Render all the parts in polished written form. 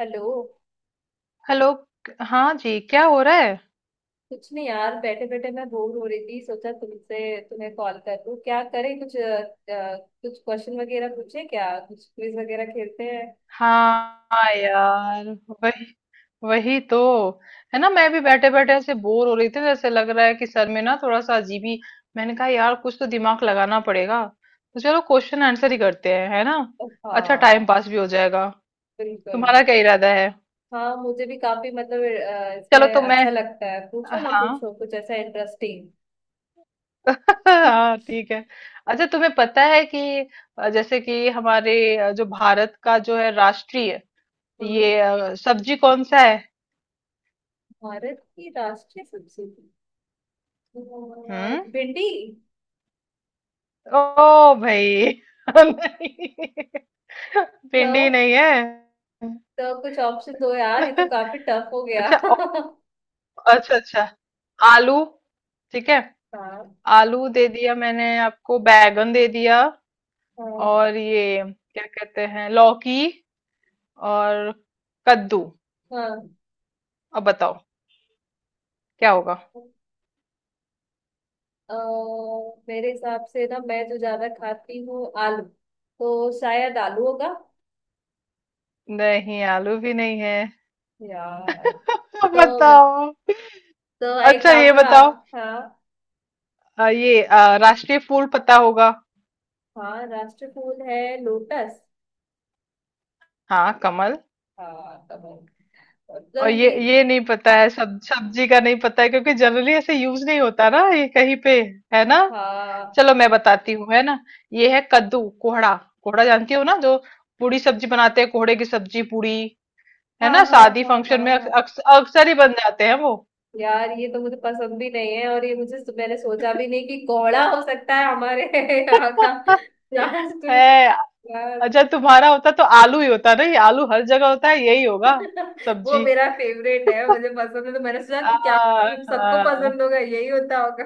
Hello. Hello. हाँ जी, क्या हो रहा है? कुछ नहीं यार, बैठे बैठे मैं बोर हो रही थी। सोचा तुमसे तुम्हें कॉल कर लूं, क्या करें कुछ अ, कुछ क्वेश्चन वगैरह पूछे, क्या कुछ क्विज वगैरह खेलते हैं। हाँ यार, वही वही तो है ना। मैं भी बैठे बैठे ऐसे बोर हो रही थी, जैसे लग रहा है कि सर में ना थोड़ा सा अजीब ही। मैंने कहा यार, कुछ तो दिमाग लगाना पड़ेगा। तो चलो क्वेश्चन आंसर ही करते हैं, है ना। अच्छा, टाइम हाँ। पास भी हो जाएगा। बिल्कुल। तुम्हारा क्या इरादा है? हाँ मुझे भी काफी मतलब चलो इसमें तो मैं, अच्छा लगता है। पूछो ना हाँ। पूछो कुछ ऐसा इंटरेस्टिंग। हाँ, ठीक है। अच्छा, तुम्हें पता है कि जैसे कि हमारे जो भारत का, जो है राष्ट्रीय, हम्म। ये सब्जी कौन सा है? भारत की राष्ट्रीय सब्जी हम्म। एक भिंडी। ओ भाई। नहीं, भिंडी तो नहीं है। तो कुछ ऑप्शन दो यार, ये तो काफी टफ हो गया। अच्छा, अच्छा अच्छा, आलू ठीक है। हाँ, आलू दे दिया, मैंने आपको बैगन दे दिया। हाँ, और ये क्या कहते हैं, लौकी। और कद्दू। हाँ। अब बताओ, क्या होगा? अ, मेरे हिसाब से ना मैं जो ज्यादा खाती हूँ आलू, तो शायद आलू होगा। नहीं, आलू भी नहीं है। यार, अब तो मैं- बताओ। तो एक अच्छा, काम ये करो बताओ, आप। हाँ। ये राष्ट्रीय फूल पता होगा? हाँ राष्ट्र फूल है, लोटस। हाँ, कमल। हाँ तो तो और ये ये। ये नहीं पता है, सब सब्जी का नहीं पता है, क्योंकि जनरली ऐसे यूज नहीं होता ना ये कहीं पे, है ना। हाँ, चलो मैं बताती हूँ, है ना। ये है कद्दू, कोहड़ा। कोहड़ा जानती हो ना, जो पूरी सब्जी बनाते हैं, कोहड़े की सब्जी पूरी। है हाँ, ना, हाँ, शादी हाँ, हाँ। फंक्शन में हाँ अक्सर ही बन जाते हैं वो। यार, ये तो मुझे पसंद भी नहीं है, और ये मुझे मैंने सोचा भी नहीं कि कोहड़ा हो सकता है हमारे यहाँ का राष्ट्र। है। यार। अच्छा, तुम्हारा होता तो आलू ही होता ना, ये आलू हर जगह होता है, यही होगा वो सब्जी। मेरा फेवरेट है, मुझे पसंद है, तो मैंने सोचा आ, कि क्या पता हम सबको हाँ, पसंद होगा यही होता होगा।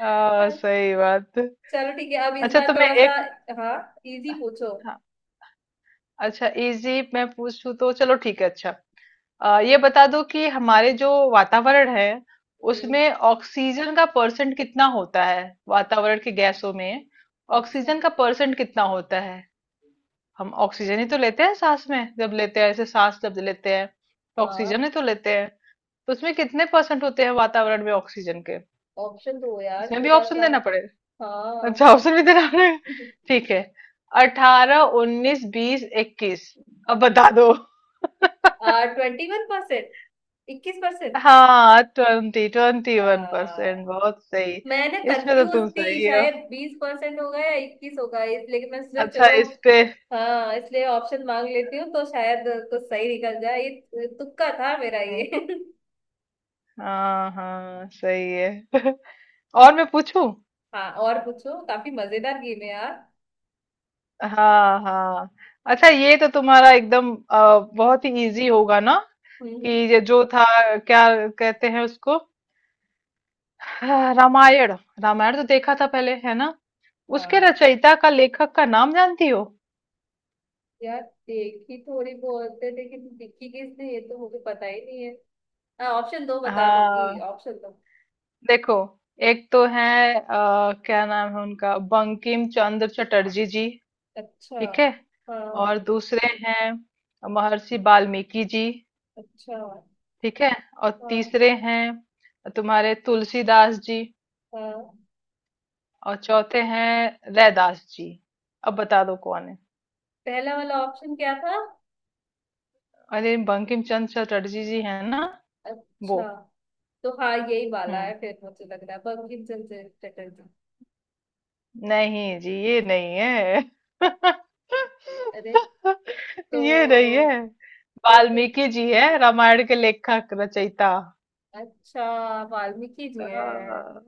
हाँ, सही बात। चलो ठीक है, अब इस अच्छा, बार तुम्हें थोड़ा सा। एक। हाँ इजी पूछो। हाँ। अच्छा, इजी मैं पूछूं तो चलो ठीक है। अच्छा, ये बता दो कि हमारे जो वातावरण है, हम्म। उसमें ऑक्सीजन का परसेंट कितना होता है? वातावरण की गैसों में अच्छा। ऑक्सीजन का परसेंट कितना होता है? हम ऑक्सीजन ही तो लेते हैं, सांस में जब लेते हैं, ऐसे सांस जब लेते हैं, तो हाँ ऑक्सीजन ही तो लेते हैं। तो उसमें कितने परसेंट होते हैं वातावरण में ऑक्सीजन के? ऑप्शन दो यार, इसमें भी थोड़ा ऑप्शन सा। देना पड़ेगा? हाँ। अच्छा, ऑप्शन भी देना पड़ेगा। ठीक है, 18, 19, 20, 21। अब बता दो। आ 21%, इक्कीस हाँ, twenty twenty one percent, percent बहुत सही। मैं ना इसमें तो कंफ्यूज तुम थी, सही हो। शायद 20% होगा या इक्कीस होगा, इसलिए मैं सोचा अच्छा, चलो। इस पे। हाँ इसलिए ऑप्शन मांग लेती हूँ, तो शायद कुछ सही निकल जाए। ये तुक्का था मेरा हम्म, ये। हाँ हाँ, सही है। और मैं पूछूं। हाँ और पूछो, काफी मजेदार गेम है यार। हाँ हाँ। अच्छा, ये तो तुम्हारा एकदम बहुत ही इजी होगा ना, कि हम्म। ये जो था, क्या कहते हैं उसको। हाँ, रामायण। रामायण तो देखा था पहले, है ना। उसके हाँ रचयिता का, लेखक का नाम जानती हो? यार, देखी थोड़ी बहुत है लेकिन दिखी किसने ये तो मुझे पता ही नहीं है। हाँ ऑप्शन दो, बता दूंगी। हाँ, ऑप्शन दो। देखो। एक तो है, क्या नाम है उनका, बंकिम चंद्र चटर्जी जी। अच्छा। ठीक है। हाँ। और दूसरे हैं महर्षि वाल्मीकि जी। अच्छा। ठीक है। और हाँ, तीसरे हैं तुम्हारे, तुलसीदास जी। हाँ। और चौथे हैं रैदास जी। अब बता दो कौन है। पहला वाला ऑप्शन क्या था? अरे, बंकिम चंद्र चटर्जी जी, है ना वो। अच्छा, तो हाँ यही वाला हम्म। है, फिर मुझे लग रहा है बंकिम चंद्र चटर्जी। नहीं जी, ये नहीं है। अरे, तो ये नहीं है। तो फिर वाल्मीकि जी है रामायण के लेखक, रचयिता। अच्छा वाल्मीकि जी हैं। हाँ।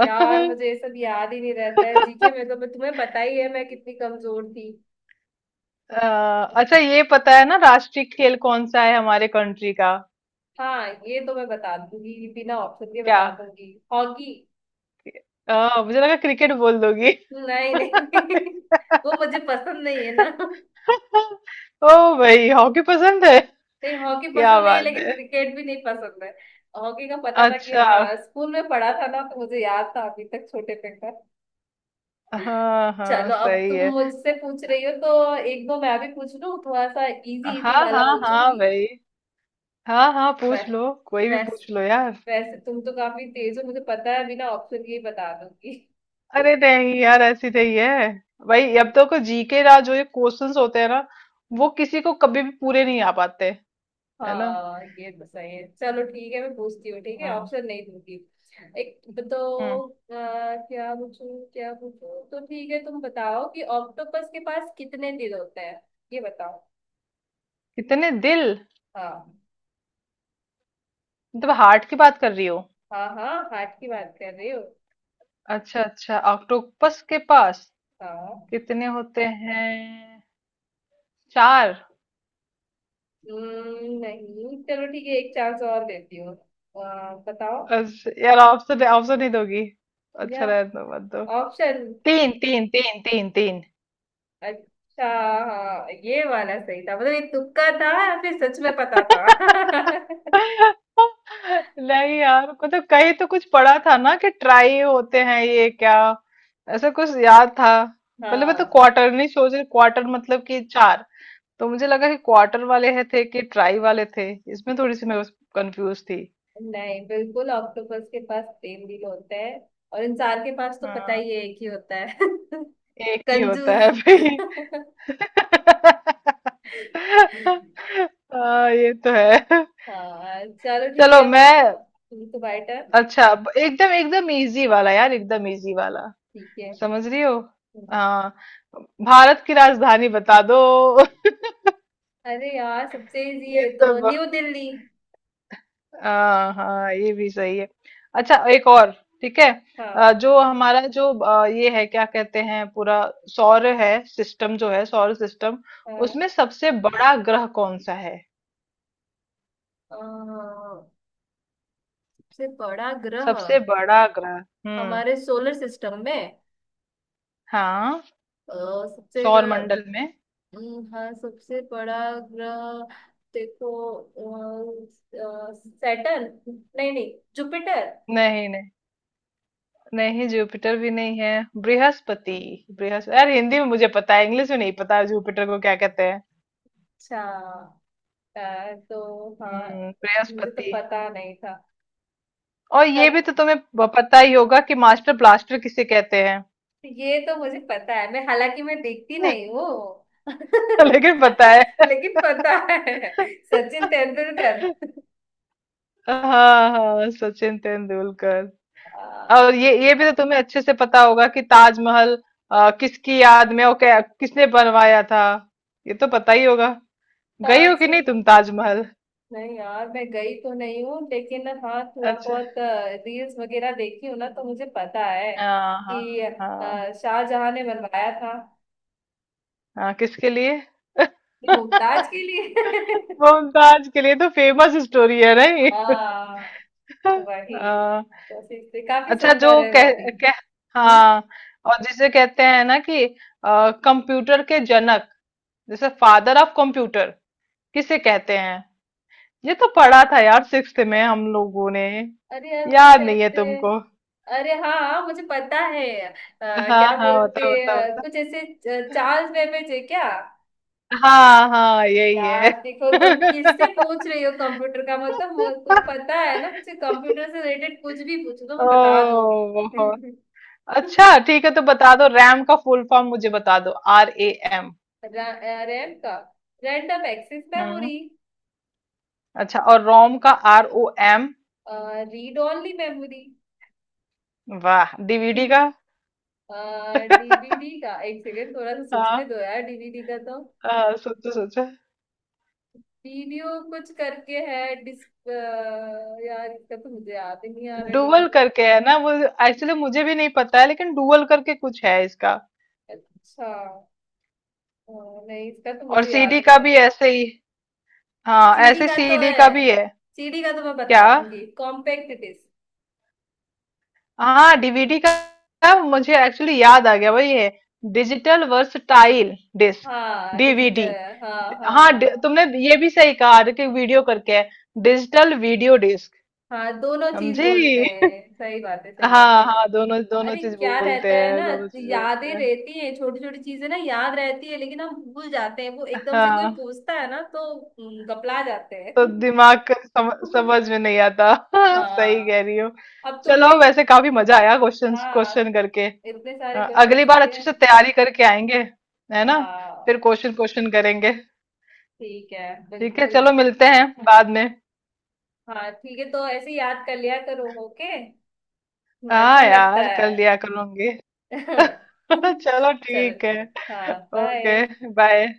यार मुझे ये सब याद ही नहीं रहता है जीके में। तो मैं तुम्हें पता ही है मैं कितनी कमजोर थी। अ, अच्छा, ये पता है ना राष्ट्रीय खेल कौन सा है हमारे कंट्री का? हाँ ये तो मैं बता दूंगी, बिना ऑप्शन के क्या, बता दूंगी, हॉकी। मुझे लगा क्रिकेट बोल दोगी। नहीं, नहीं। वो मुझे पसंद नहीं है ना। ओ भाई, हॉकी पसंद है। नहीं हॉकी क्या पसंद नहीं है, बात लेकिन है। क्रिकेट भी नहीं पसंद है। हॉकी का पता था कि, अच्छा, हाँ स्कूल में पढ़ा था ना, तो मुझे याद था अभी तक छोटे पे का। हाँ हाँ, चलो, अब सही तुम है। मुझसे पूछ रही हो तो एक दो मैं भी पूछ लूं, थोड़ा सा इजी इजी हाँ वाला हाँ हाँ पूछूंगी। भाई, हाँ हाँ, वै, पूछ लो, कोई भी वैस, पूछ लो यार। वैसे तुम तो काफी तेज हो, मुझे पता है बिना ऑप्शन के ही बता दूंगी। अरे नहीं यार, ऐसी नहीं है। भाई, अब तो को जीके ना, जो ये क्वेश्चंस होते हैं ना, वो किसी को कभी भी पूरे नहीं आ पाते, है ना। हाँ ये तो सही है। चलो ठीक है, मैं पूछती हूँ। ठीक है, हम्म ऑप्शन नहीं दूंगी। एक हम्म। तो क्या पूछूं क्या पूछूं, तो ठीक है तुम बताओ कि ऑक्टोपस के पास कितने दिल होते हैं। ये बताओ। कितने दिल? हाँ, मतलब, हार्ट की बात कर रही हो? हाँ, हाँ हार्ट की बात कर रही हो। अच्छा अच्छा, ऑक्टोपस के पास हाँ। कितने होते हैं, चार? नहीं चलो ठीक है, एक चांस और देती हूँ। बताओ अच्छा, यार, ऑप्शन ऑप्शन नहीं दोगी? या अच्छा, रहने दो, मत दो। ऑप्शन। तीन तीन तीन तीन तीन। अच्छा। हाँ ये वाला सही था, मतलब ये तुक्का था या फिर सच में पता था? नहीं यार, मतलब कहीं तो कुछ पढ़ा था ना कि ट्राई होते हैं, ये क्या, ऐसा कुछ याद था। पहले मैं तो हाँ क्वार्टर नहीं सोच रही, क्वार्टर मतलब कि चार। तो मुझे लगा कि क्वार्टर वाले है थे कि ट्राई वाले थे, इसमें थोड़ी सी मैं कंफ्यूज थी। नहीं, बिल्कुल ऑक्टोपस के पास तीन दिल होते हैं। और इंसान के पास तो पता हाँ, ही है, एक ही होता है। एक ही होता कंजूस। है भाई। हाँ, ये तो है। हाँ चलो ठीक चलो है, आप मैं। पूछो, तुम्हारी टर्न। अच्छा, अब एकदम एकदम इजी वाला यार, एकदम इजी वाला। ठीक है। समझ रही हो? हाँ। भारत की राजधानी बता दो। अरे यार सबसे इजी ये है, तो तो न्यू ब- दिल्ली। हाँ हाँ, ये भी सही है। अच्छा, एक और। ठीक है। हाँ, जो हमारा जो ये है, क्या कहते हैं, पूरा सौर है सिस्टम, जो है सौर सिस्टम, हाँ। उसमें सबसे बड़ा ग्रह कौन सा है? अ, सबसे बड़ा ग्रह सबसे बड़ा ग्रह। हम्म, हमारे सोलर सिस्टम में। हाँ, अ, सबसे सौर ग्रह। मंडल में। हाँ सबसे बड़ा ग्रह। देखो सैटर्न। नहीं, नहीं, जुपिटर। नहीं नहीं। नहीं, जुपिटर भी नहीं है, बृहस्पति। बृहस्पति, यार हिंदी में मुझे पता है, इंग्लिश में नहीं पता जुपिटर को क्या कहते हैं। अच्छा। तो हाँ मुझे तो बृहस्पति। पता नहीं था। और ये तब भी तो तुम्हें पता ही होगा कि मास्टर ब्लास्टर किसे कहते हैं? ये तो मुझे पता है, मैं हालांकि मैं देखती नहीं हूँ। लेकिन पता है। लेकिन पता है, सचिन तेंदुलकर। हाँ हाँ, सचिन तेंदुलकर। अ, और ये भी तो तुम्हें अच्छे से पता होगा कि ताजमहल किसकी याद में, और क्या किसने बनवाया था, ये तो पता ही होगा। गई हो कि नहीं ताजमहल। तुम ताजमहल? नहीं यार मैं गई तो नहीं हूँ, लेकिन हाँ थोड़ा अच्छा, बहुत रील्स वगैरह देखी हूँ ना, तो मुझे पता है हाँ हाँ कि हाँ शाहजहां ने बनवाया था, हाँ। किसके लिए? कि मुमताज के लिए। मुमताज के लिए तो फेमस स्टोरी है, नहीं? हाँ वही। हाँ। तो इससे काफी अच्छा, जो सुंदर है वो कह भी। कह हम्म। हाँ, और जिसे कहते हैं ना कि कंप्यूटर के जनक, जैसे फादर ऑफ कंप्यूटर किसे कहते हैं? ये तो पढ़ा था यार, सिक्स्थ में हम लोगों ने। अरे यार कुछ याद नहीं है ऐसे। तुमको? अरे हाँ, हाँ, मुझे पता है हाँ क्या हाँ, होता बोलते, होता होता। कुछ ऐसे चार्ल्स बेबेज है क्या? हाँ हाँ, यही है। यार देखो तुम किससे पूछ रही हो, कंप्यूटर का मतलब, तुम पता है ना मुझे कंप्यूटर से रिलेटेड कुछ भी पूछ दो, ओ, मैं बता दूंगी। बहुत। अच्छा, ठीक है, तो बता दो, रैम का फुल फॉर्म मुझे बता दो, RAM। रा- रैम का रैंडम एक्सेस हम्म। मेमोरी। अच्छा, और रोम का, ROM। Read only memory. वाह, डीवीडी का। डीवीडी का एक सेकेंड, थोड़ा सा सोचने हाँ। दो यार, डीवीडी का तो हाँ, सोचो सोचो। वीडियो कुछ करके है डिस। यार इसका तो मुझे याद ही नहीं आ रहा डुअल डीवीडी। करके है ना वो, एक्चुअली मुझे भी नहीं पता है, लेकिन डुअल करके कुछ है इसका। अच्छा। अ, नहीं इसका तो और मुझे याद सीडी का नहीं आ भी रहा। ऐसे ही। हाँ सीडी ऐसे, का तो सीडी का है, भी है, सीडी का तो मैं बता क्या। दूंगी, कॉम्पैक्ट डिस्क। हाँ, डीवीडी का मुझे एक्चुअली याद आ गया, वही है। डिजिटल वर्सटाइल डिस्क, हाँ डीवीडी। डिजिटल, हाँ, हाँ, हाँ, हाँ। तुमने ये भी सही कहा कि वीडियो करके है, डिजिटल वीडियो डिस्क, हाँ दोनों चीज बोलते समझी। हैं, सही बात है, सही बात हाँ है। हाँ, दोनों दोनों अरे चीज क्या रहता बोलते है ना, हैं, दोनों चीज यादें बोलते हैं। रहती हैं, छोटी छोटी चीजें ना याद रहती है, लेकिन हम भूल जाते हैं, वो एकदम से कोई हाँ, पूछता है ना तो गपला जाते तो हैं। दिमाग का समझ में नहीं आता। सही कह हाँ। रही हो। अब चलो, तुमने। वैसे काफी मजा आया क्वेश्चन क्वेश्चन हाँ करके। इतने सारे क्वेश्चन अगली बार किए। अच्छे से तैयारी करके आएंगे, है ना, फिर हाँ क्वेश्चन क्वेश्चन करेंगे। ठीक है, ठीक है, बिल्कुल। चलो मिलते हैं बाद में। हाँ ठीक है, तो ऐसे याद कर लिया करो। ओके। हाँ अच्छा लगता यार, है। कर लिया करूंगी। चलो चलो। ठीक है। हाँ, ओके, बाय। बाय।